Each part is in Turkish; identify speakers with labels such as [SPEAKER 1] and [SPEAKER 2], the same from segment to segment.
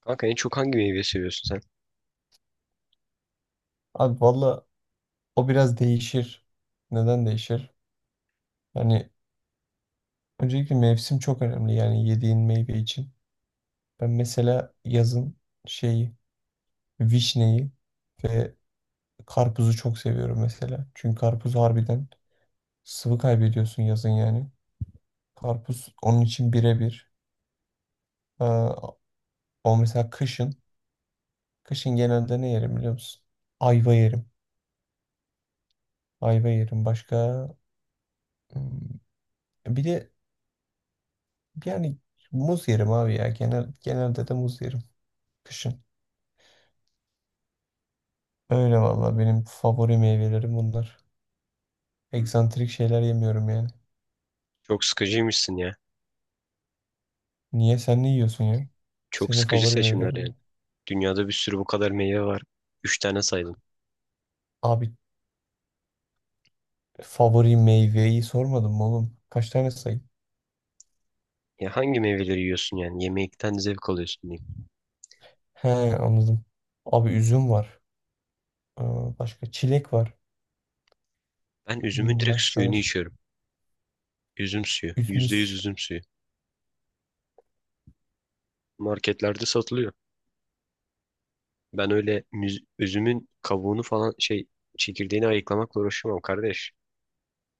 [SPEAKER 1] Kanka en çok hangi meyveyi seviyorsun sen?
[SPEAKER 2] Abi valla o biraz değişir. Neden değişir? Yani öncelikle mevsim çok önemli yani yediğin meyve için. Ben mesela yazın şeyi, vişneyi ve karpuzu çok seviyorum mesela. Çünkü karpuz harbiden sıvı kaybediyorsun yazın yani. Karpuz onun için birebir. Aa, O mesela kışın. Kışın genelde ne yerim biliyor musun? Ayva yerim. Ayva yerim. Başka hmm, bir de yani muz yerim abi ya. Genelde de muz yerim. Kışın. Öyle valla benim favori meyvelerim bunlar.
[SPEAKER 1] Hmm,
[SPEAKER 2] Eksantrik şeyler yemiyorum yani.
[SPEAKER 1] Çok sıkıcıymışsın ya.
[SPEAKER 2] Niye sen ne yiyorsun ya?
[SPEAKER 1] Çok
[SPEAKER 2] Senin
[SPEAKER 1] sıkıcı
[SPEAKER 2] favori
[SPEAKER 1] seçimler
[SPEAKER 2] meyvelerin
[SPEAKER 1] yani.
[SPEAKER 2] ne?
[SPEAKER 1] Dünyada bir sürü bu kadar meyve var. Üç tane saydın.
[SPEAKER 2] Abi favori meyveyi sormadım mı oğlum? Kaç tane sayayım?
[SPEAKER 1] Ya hangi meyveleri yiyorsun yani? Yemekten zevk alıyorsun diyeyim.
[SPEAKER 2] He, anladım. Abi üzüm var. Aa, başka çilek var.
[SPEAKER 1] Ben üzümün
[SPEAKER 2] Hmm,
[SPEAKER 1] direkt
[SPEAKER 2] başka
[SPEAKER 1] suyunu
[SPEAKER 2] var.
[SPEAKER 1] içiyorum. Üzüm suyu. Yüzde yüz
[SPEAKER 2] Üzümüz.
[SPEAKER 1] üzüm suyu. Marketlerde satılıyor. Ben öyle üzümün kabuğunu falan şey çekirdeğini ayıklamakla uğraşamam kardeş.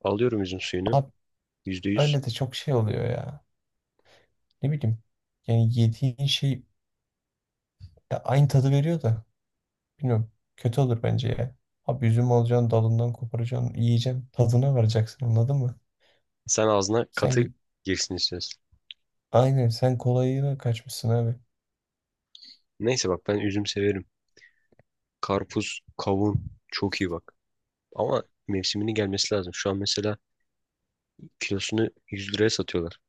[SPEAKER 1] Alıyorum üzüm suyunu.
[SPEAKER 2] Abi
[SPEAKER 1] Yüzde yüz.
[SPEAKER 2] öyle de çok şey oluyor ya. Ne bileyim. Yani yediğin şey ya aynı tadı veriyor da. Bilmiyorum. Kötü olur bence ya. Abi üzüm alacaksın, dalından koparacaksın, yiyeceksin, tadına varacaksın, anladın mı?
[SPEAKER 1] Sen ağzına
[SPEAKER 2] Sen
[SPEAKER 1] katı
[SPEAKER 2] git.
[SPEAKER 1] girsin istiyorsun.
[SPEAKER 2] Aynen, sen kolayına kaçmışsın abi.
[SPEAKER 1] Neyse bak ben üzüm severim. Karpuz, kavun çok iyi bak. Ama mevsiminin gelmesi lazım. Şu an mesela kilosunu 100 liraya satıyorlar.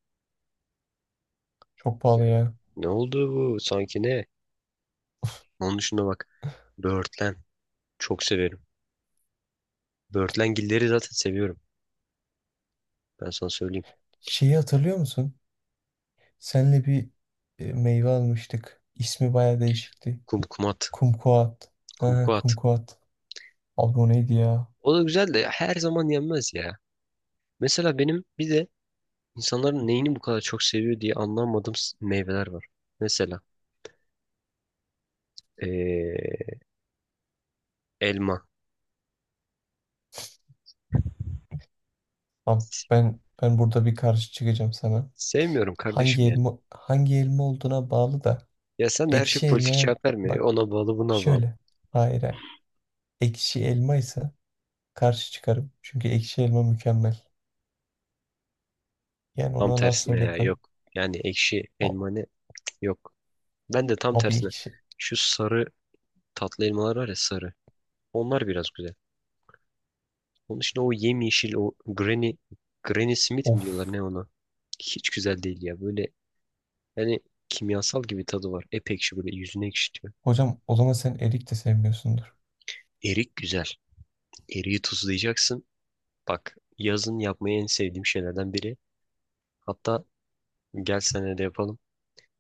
[SPEAKER 2] Çok pahalı ya.
[SPEAKER 1] Ne oldu bu? Sanki ne? Onun dışında bak. Böğürtlen. Çok severim. Böğürtlengilleri zaten seviyorum. Ben sana söyleyeyim.
[SPEAKER 2] Şeyi hatırlıyor musun? Senle bir meyve almıştık. İsmi baya değişikti.
[SPEAKER 1] Kumkumat.
[SPEAKER 2] Kumkuat. Ha,
[SPEAKER 1] Kumkuat.
[SPEAKER 2] kumkuat. Abi o neydi ya?
[SPEAKER 1] O da güzel de her zaman yenmez ya. Mesela benim bir de insanların neyini bu kadar çok seviyor diye anlamadığım meyveler var. Mesela ee, elma.
[SPEAKER 2] Abi
[SPEAKER 1] S-
[SPEAKER 2] ben burada bir karşı çıkacağım sana.
[SPEAKER 1] Sevmiyorum
[SPEAKER 2] Hangi
[SPEAKER 1] kardeşim yani.
[SPEAKER 2] elma, hangi elma olduğuna bağlı da
[SPEAKER 1] Ya sen de her şey
[SPEAKER 2] ekşi
[SPEAKER 1] politik
[SPEAKER 2] elmaya
[SPEAKER 1] cevap verme.
[SPEAKER 2] bak
[SPEAKER 1] Ona bağlı buna bağlı.
[SPEAKER 2] şöyle. Hayır, hayır. Ekşi elma ise karşı çıkarım. Çünkü ekşi elma mükemmel. Yani
[SPEAKER 1] Tam
[SPEAKER 2] ona laf
[SPEAKER 1] tersine ya yok.
[SPEAKER 2] söyletmem.
[SPEAKER 1] Yani ekşi
[SPEAKER 2] A-
[SPEAKER 1] elmanı yok. Ben de tam
[SPEAKER 2] Abi
[SPEAKER 1] tersine.
[SPEAKER 2] ekşi.
[SPEAKER 1] Şu sarı tatlı elmalar var ya sarı. Onlar biraz güzel. Onun için o yemyeşil o Granny Smith mi diyorlar
[SPEAKER 2] Of.
[SPEAKER 1] ne ona? Hiç güzel değil ya. Böyle yani kimyasal gibi tadı var. Ep ekşi böyle yüzüne ekşitiyor.
[SPEAKER 2] Hocam o zaman sen erik de sevmiyorsundur.
[SPEAKER 1] Erik güzel. Eriği tuzlayacaksın. Bak yazın yapmayı en sevdiğim şeylerden biri. Hatta gel senede de yapalım.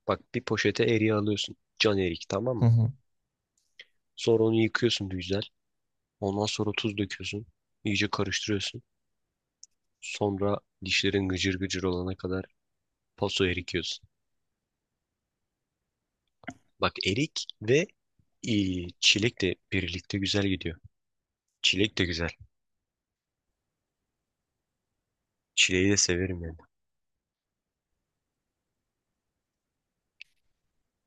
[SPEAKER 1] Bak bir poşete eriği alıyorsun. Can erik, tamam
[SPEAKER 2] Hı
[SPEAKER 1] mı?
[SPEAKER 2] hı.
[SPEAKER 1] Sonra onu yıkıyorsun güzel. Ondan sonra tuz döküyorsun. İyice karıştırıyorsun. Sonra dişlerin gıcır gıcır olana kadar paso erikiyorsun. Bak erik ve e, çilek de birlikte güzel gidiyor. Çilek de güzel. Çileği de severim yani.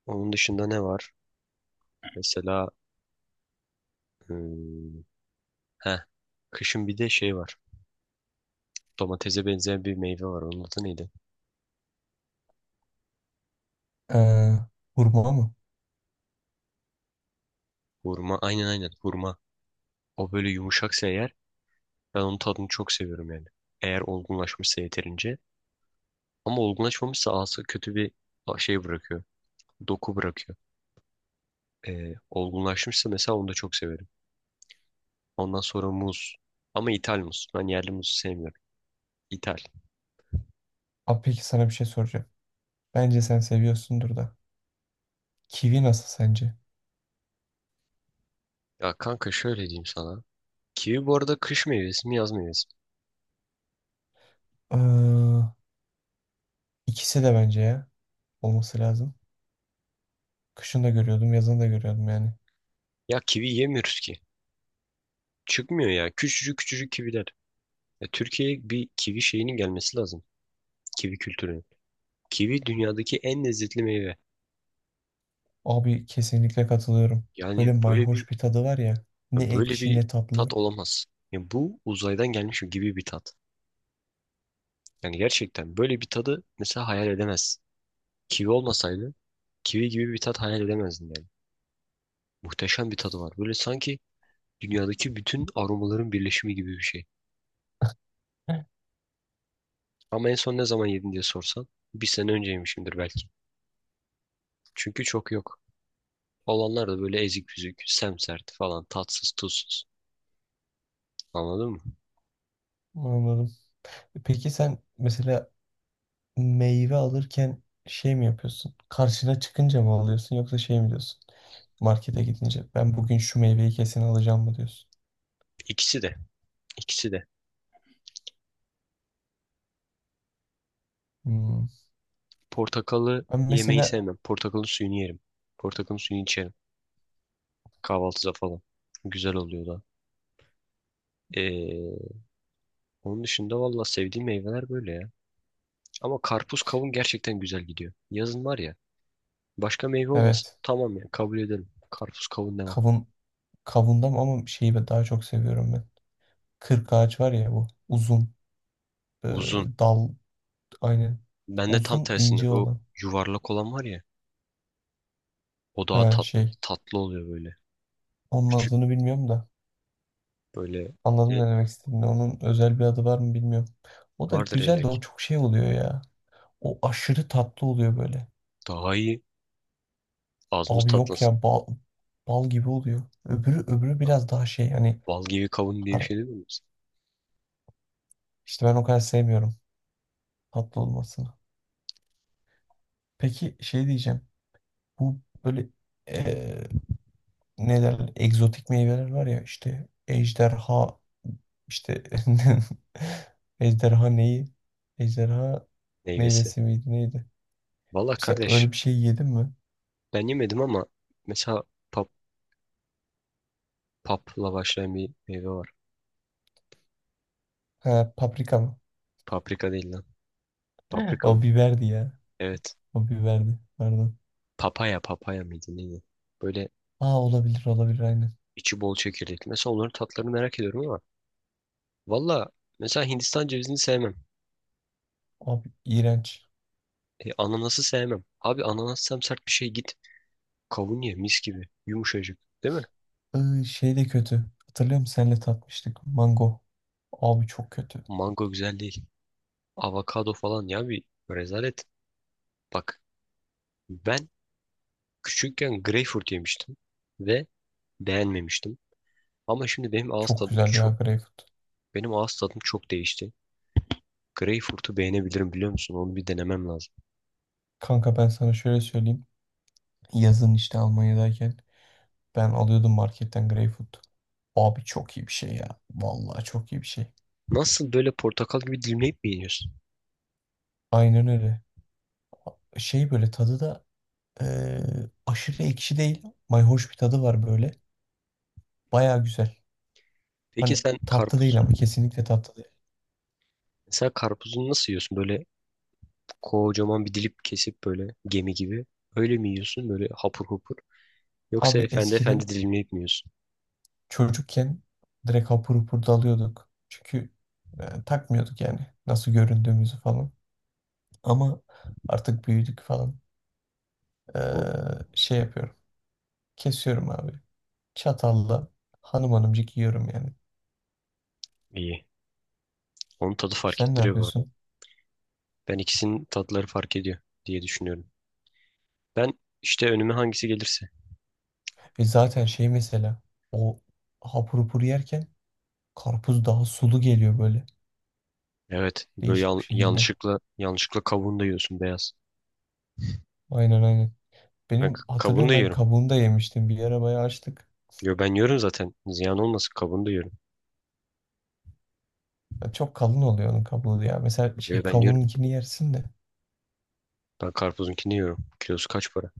[SPEAKER 1] Onun dışında ne var? Mesela hmm, heh, kışın bir de şey var. Domatese benzeyen bir meyve var. Onun adı neydi?
[SPEAKER 2] Ee, hurma mı?
[SPEAKER 1] Hurma. Aynen aynen hurma. O böyle yumuşaksa eğer ben onun tadını çok seviyorum yani. Eğer olgunlaşmışsa yeterince. Ama olgunlaşmamışsa ağası kötü bir şey bırakıyor. Doku bırakıyor. Olgunlaşmışsa mesela onu da çok severim. Ondan sonra muz. Ama ithal muz. Ben yerli muzu sevmiyorum. İthal.
[SPEAKER 2] Abi peki sana bir şey soracağım. Bence sen seviyorsundur da. Kivi nasıl sence?
[SPEAKER 1] Ya kanka şöyle diyeyim sana. Kivi bu arada kış meyvesi mi yaz meyvesi mi?
[SPEAKER 2] Ee, ikisi de bence ya. Olması lazım. Kışın da görüyordum, yazın da görüyordum yani.
[SPEAKER 1] Ya kivi yemiyoruz ki. Çıkmıyor ya. Küçücük küçücük kiviler. Ya Türkiye'ye bir kivi şeyinin gelmesi lazım. Kivi kültürünün. Kivi dünyadaki en lezzetli meyve.
[SPEAKER 2] Abi kesinlikle katılıyorum.
[SPEAKER 1] Yani
[SPEAKER 2] Böyle
[SPEAKER 1] böyle bir
[SPEAKER 2] mayhoş bir tadı var ya. Ne
[SPEAKER 1] böyle
[SPEAKER 2] ekşi
[SPEAKER 1] bir
[SPEAKER 2] ne
[SPEAKER 1] tat
[SPEAKER 2] tatlı.
[SPEAKER 1] olamaz. Ya bu uzaydan gelmiş gibi bir tat. Yani gerçekten böyle bir tadı mesela hayal edemez. Kivi olmasaydı kivi gibi bir tat hayal edemezdim yani. Muhteşem bir tadı var. Böyle sanki dünyadaki bütün aromaların birleşimi gibi bir şey.
[SPEAKER 2] Heh,
[SPEAKER 1] Ama en son ne zaman yedin diye sorsan bir sene önceymişimdir belki. Çünkü çok yok. Olanlar da böyle ezik büzük, semsert falan, tatsız, tuzsuz. Anladın mı?
[SPEAKER 2] anladım. Peki sen mesela meyve alırken şey mi yapıyorsun? Karşına çıkınca mı alıyorsun yoksa şey mi diyorsun? Markete gidince ben bugün şu meyveyi kesin alacağım mı diyorsun?
[SPEAKER 1] İkisi de, ikisi de.
[SPEAKER 2] Hmm.
[SPEAKER 1] Portakalı
[SPEAKER 2] Ben
[SPEAKER 1] yemeyi
[SPEAKER 2] mesela
[SPEAKER 1] sevmem. Portakalın suyunu yerim. Portakalın suyunu içerim. Kahvaltıda falan. Güzel oluyor da. Ee, Onun dışında valla sevdiğim meyveler böyle ya. Ama karpuz kavun gerçekten güzel gidiyor. Yazın var ya. Başka meyve olmasın.
[SPEAKER 2] evet,
[SPEAKER 1] Tamam ya kabul ederim. Karpuz kavun demem.
[SPEAKER 2] kavun, kavundam ama şeyi daha çok seviyorum ben. Kırk ağaç var ya, bu uzun e,
[SPEAKER 1] Uzun.
[SPEAKER 2] dal, aynen,
[SPEAKER 1] Ben de tam
[SPEAKER 2] uzun
[SPEAKER 1] tersinde
[SPEAKER 2] ince
[SPEAKER 1] bu
[SPEAKER 2] olan,
[SPEAKER 1] yuvarlak olan var ya. O daha
[SPEAKER 2] ha
[SPEAKER 1] tat,
[SPEAKER 2] şey,
[SPEAKER 1] tatlı oluyor böyle.
[SPEAKER 2] onun
[SPEAKER 1] Küçük
[SPEAKER 2] adını bilmiyorum da
[SPEAKER 1] böyle
[SPEAKER 2] anladım
[SPEAKER 1] ne
[SPEAKER 2] ne demek istediğini, onun özel bir adı var mı bilmiyorum. O da
[SPEAKER 1] vardır
[SPEAKER 2] güzel de o
[SPEAKER 1] ellek.
[SPEAKER 2] çok şey oluyor ya. O aşırı tatlı oluyor böyle.
[SPEAKER 1] Daha iyi. Ağzımız
[SPEAKER 2] Abi yok
[SPEAKER 1] tatlansın.
[SPEAKER 2] ya, bal, bal gibi oluyor. Öbürü
[SPEAKER 1] Lan,
[SPEAKER 2] biraz daha şey hani
[SPEAKER 1] bal gibi kavun diye bir
[SPEAKER 2] har-
[SPEAKER 1] şey değil mi?
[SPEAKER 2] işte ben o kadar sevmiyorum tatlı olmasını. Peki şey diyeceğim. Bu böyle eee ne derler egzotik meyveler var ya, işte ejderha, işte ejderha neyi? Ejderha
[SPEAKER 1] Meyvesi.
[SPEAKER 2] meyvesi miydi neydi?
[SPEAKER 1] Valla
[SPEAKER 2] Mesela
[SPEAKER 1] kardeş
[SPEAKER 2] öyle bir şey yedin mi?
[SPEAKER 1] ben yemedim ama mesela pap, papla başlayan bir meyve var.
[SPEAKER 2] Ha, paprika mı?
[SPEAKER 1] Paprika değil lan. Paprika mı?
[SPEAKER 2] O biberdi ya.
[SPEAKER 1] Evet.
[SPEAKER 2] O biberdi. Pardon.
[SPEAKER 1] Papaya, papaya mıydı neydi? Böyle
[SPEAKER 2] Aa, olabilir, olabilir, aynen.
[SPEAKER 1] içi bol çekirdekli. Mesela onların tatlarını merak ediyorum ama valla mesela Hindistan cevizini sevmem.
[SPEAKER 2] Abi iğrenç.
[SPEAKER 1] Ananası sevmem. Abi ananas sert bir şey git. Kavun ye mis gibi. Yumuşacık değil mi?
[SPEAKER 2] Şey de kötü. Hatırlıyor musun? Seninle tatmıştık. Mango. Abi çok kötü.
[SPEAKER 1] Mango güzel değil. Avokado falan ya bir rezalet. Bak ben küçükken greyfurt yemiştim ve beğenmemiştim. Ama şimdi
[SPEAKER 2] Çok güzel ya greyfurt.
[SPEAKER 1] benim ağız tadım çok değişti. Greyfurt'u beğenebilirim biliyor musun? Onu bir denemem lazım.
[SPEAKER 2] Kanka ben sana şöyle söyleyeyim. Yazın işte Almanya'dayken ben alıyordum marketten greyfurt. Abi çok iyi bir şey ya. Vallahi çok iyi bir şey.
[SPEAKER 1] Nasıl böyle portakal gibi dilimleyip mi yiyorsun?
[SPEAKER 2] Aynen öyle. Şey böyle tadı da eee, aşırı ekşi değil. Mayhoş bir tadı var böyle. Baya güzel.
[SPEAKER 1] Peki
[SPEAKER 2] Hani
[SPEAKER 1] sen
[SPEAKER 2] tatlı
[SPEAKER 1] karpuz.
[SPEAKER 2] değil, ama kesinlikle tatlı değil.
[SPEAKER 1] Mesela karpuzunu nasıl yiyorsun? Böyle kocaman bir dilip kesip böyle gemi gibi. Öyle mi yiyorsun? Böyle hapur hapur. Yoksa
[SPEAKER 2] Abi
[SPEAKER 1] efendi efendi
[SPEAKER 2] eskiden
[SPEAKER 1] dilimleyip mi yiyorsun?
[SPEAKER 2] çocukken direkt hapur hapur dalıyorduk. Çünkü takmıyorduk yani nasıl göründüğümüzü falan. Ama artık büyüdük falan. E,
[SPEAKER 1] Oo,
[SPEAKER 2] şey yapıyorum. Kesiyorum abi. Çatalla hanım hanımcık yiyorum yani.
[SPEAKER 1] iyi. Onun tadı fark
[SPEAKER 2] Sen ne
[SPEAKER 1] ettiriyor bu arada.
[SPEAKER 2] yapıyorsun?
[SPEAKER 1] Ben ikisinin tatları fark ediyor diye düşünüyorum. Ben işte önüme hangisi gelirse.
[SPEAKER 2] E zaten şey mesela o hapur hapur yerken karpuz daha sulu geliyor böyle,
[SPEAKER 1] Evet. Böyle
[SPEAKER 2] değişik
[SPEAKER 1] yan-
[SPEAKER 2] bir şekilde.
[SPEAKER 1] yanlışlıkla yanlışlıkla kabuğunu da yiyorsun beyaz.
[SPEAKER 2] Aynen, aynen.
[SPEAKER 1] Ben
[SPEAKER 2] Benim,
[SPEAKER 1] kabuğunu
[SPEAKER 2] hatırlıyorum,
[SPEAKER 1] da
[SPEAKER 2] ben
[SPEAKER 1] yiyorum.
[SPEAKER 2] kabuğunu da yemiştim. Bir ara bayağı açtık.
[SPEAKER 1] Yo ben yiyorum zaten. Ziyan olmasın kabuğunu da yiyorum.
[SPEAKER 2] Ya çok kalın oluyor onun kabuğu ya. Mesela
[SPEAKER 1] Yo
[SPEAKER 2] şey
[SPEAKER 1] ben yiyorum.
[SPEAKER 2] kabuğununkini yersin de
[SPEAKER 1] Ben karpuzunkini yiyorum. Kilosu kaç para?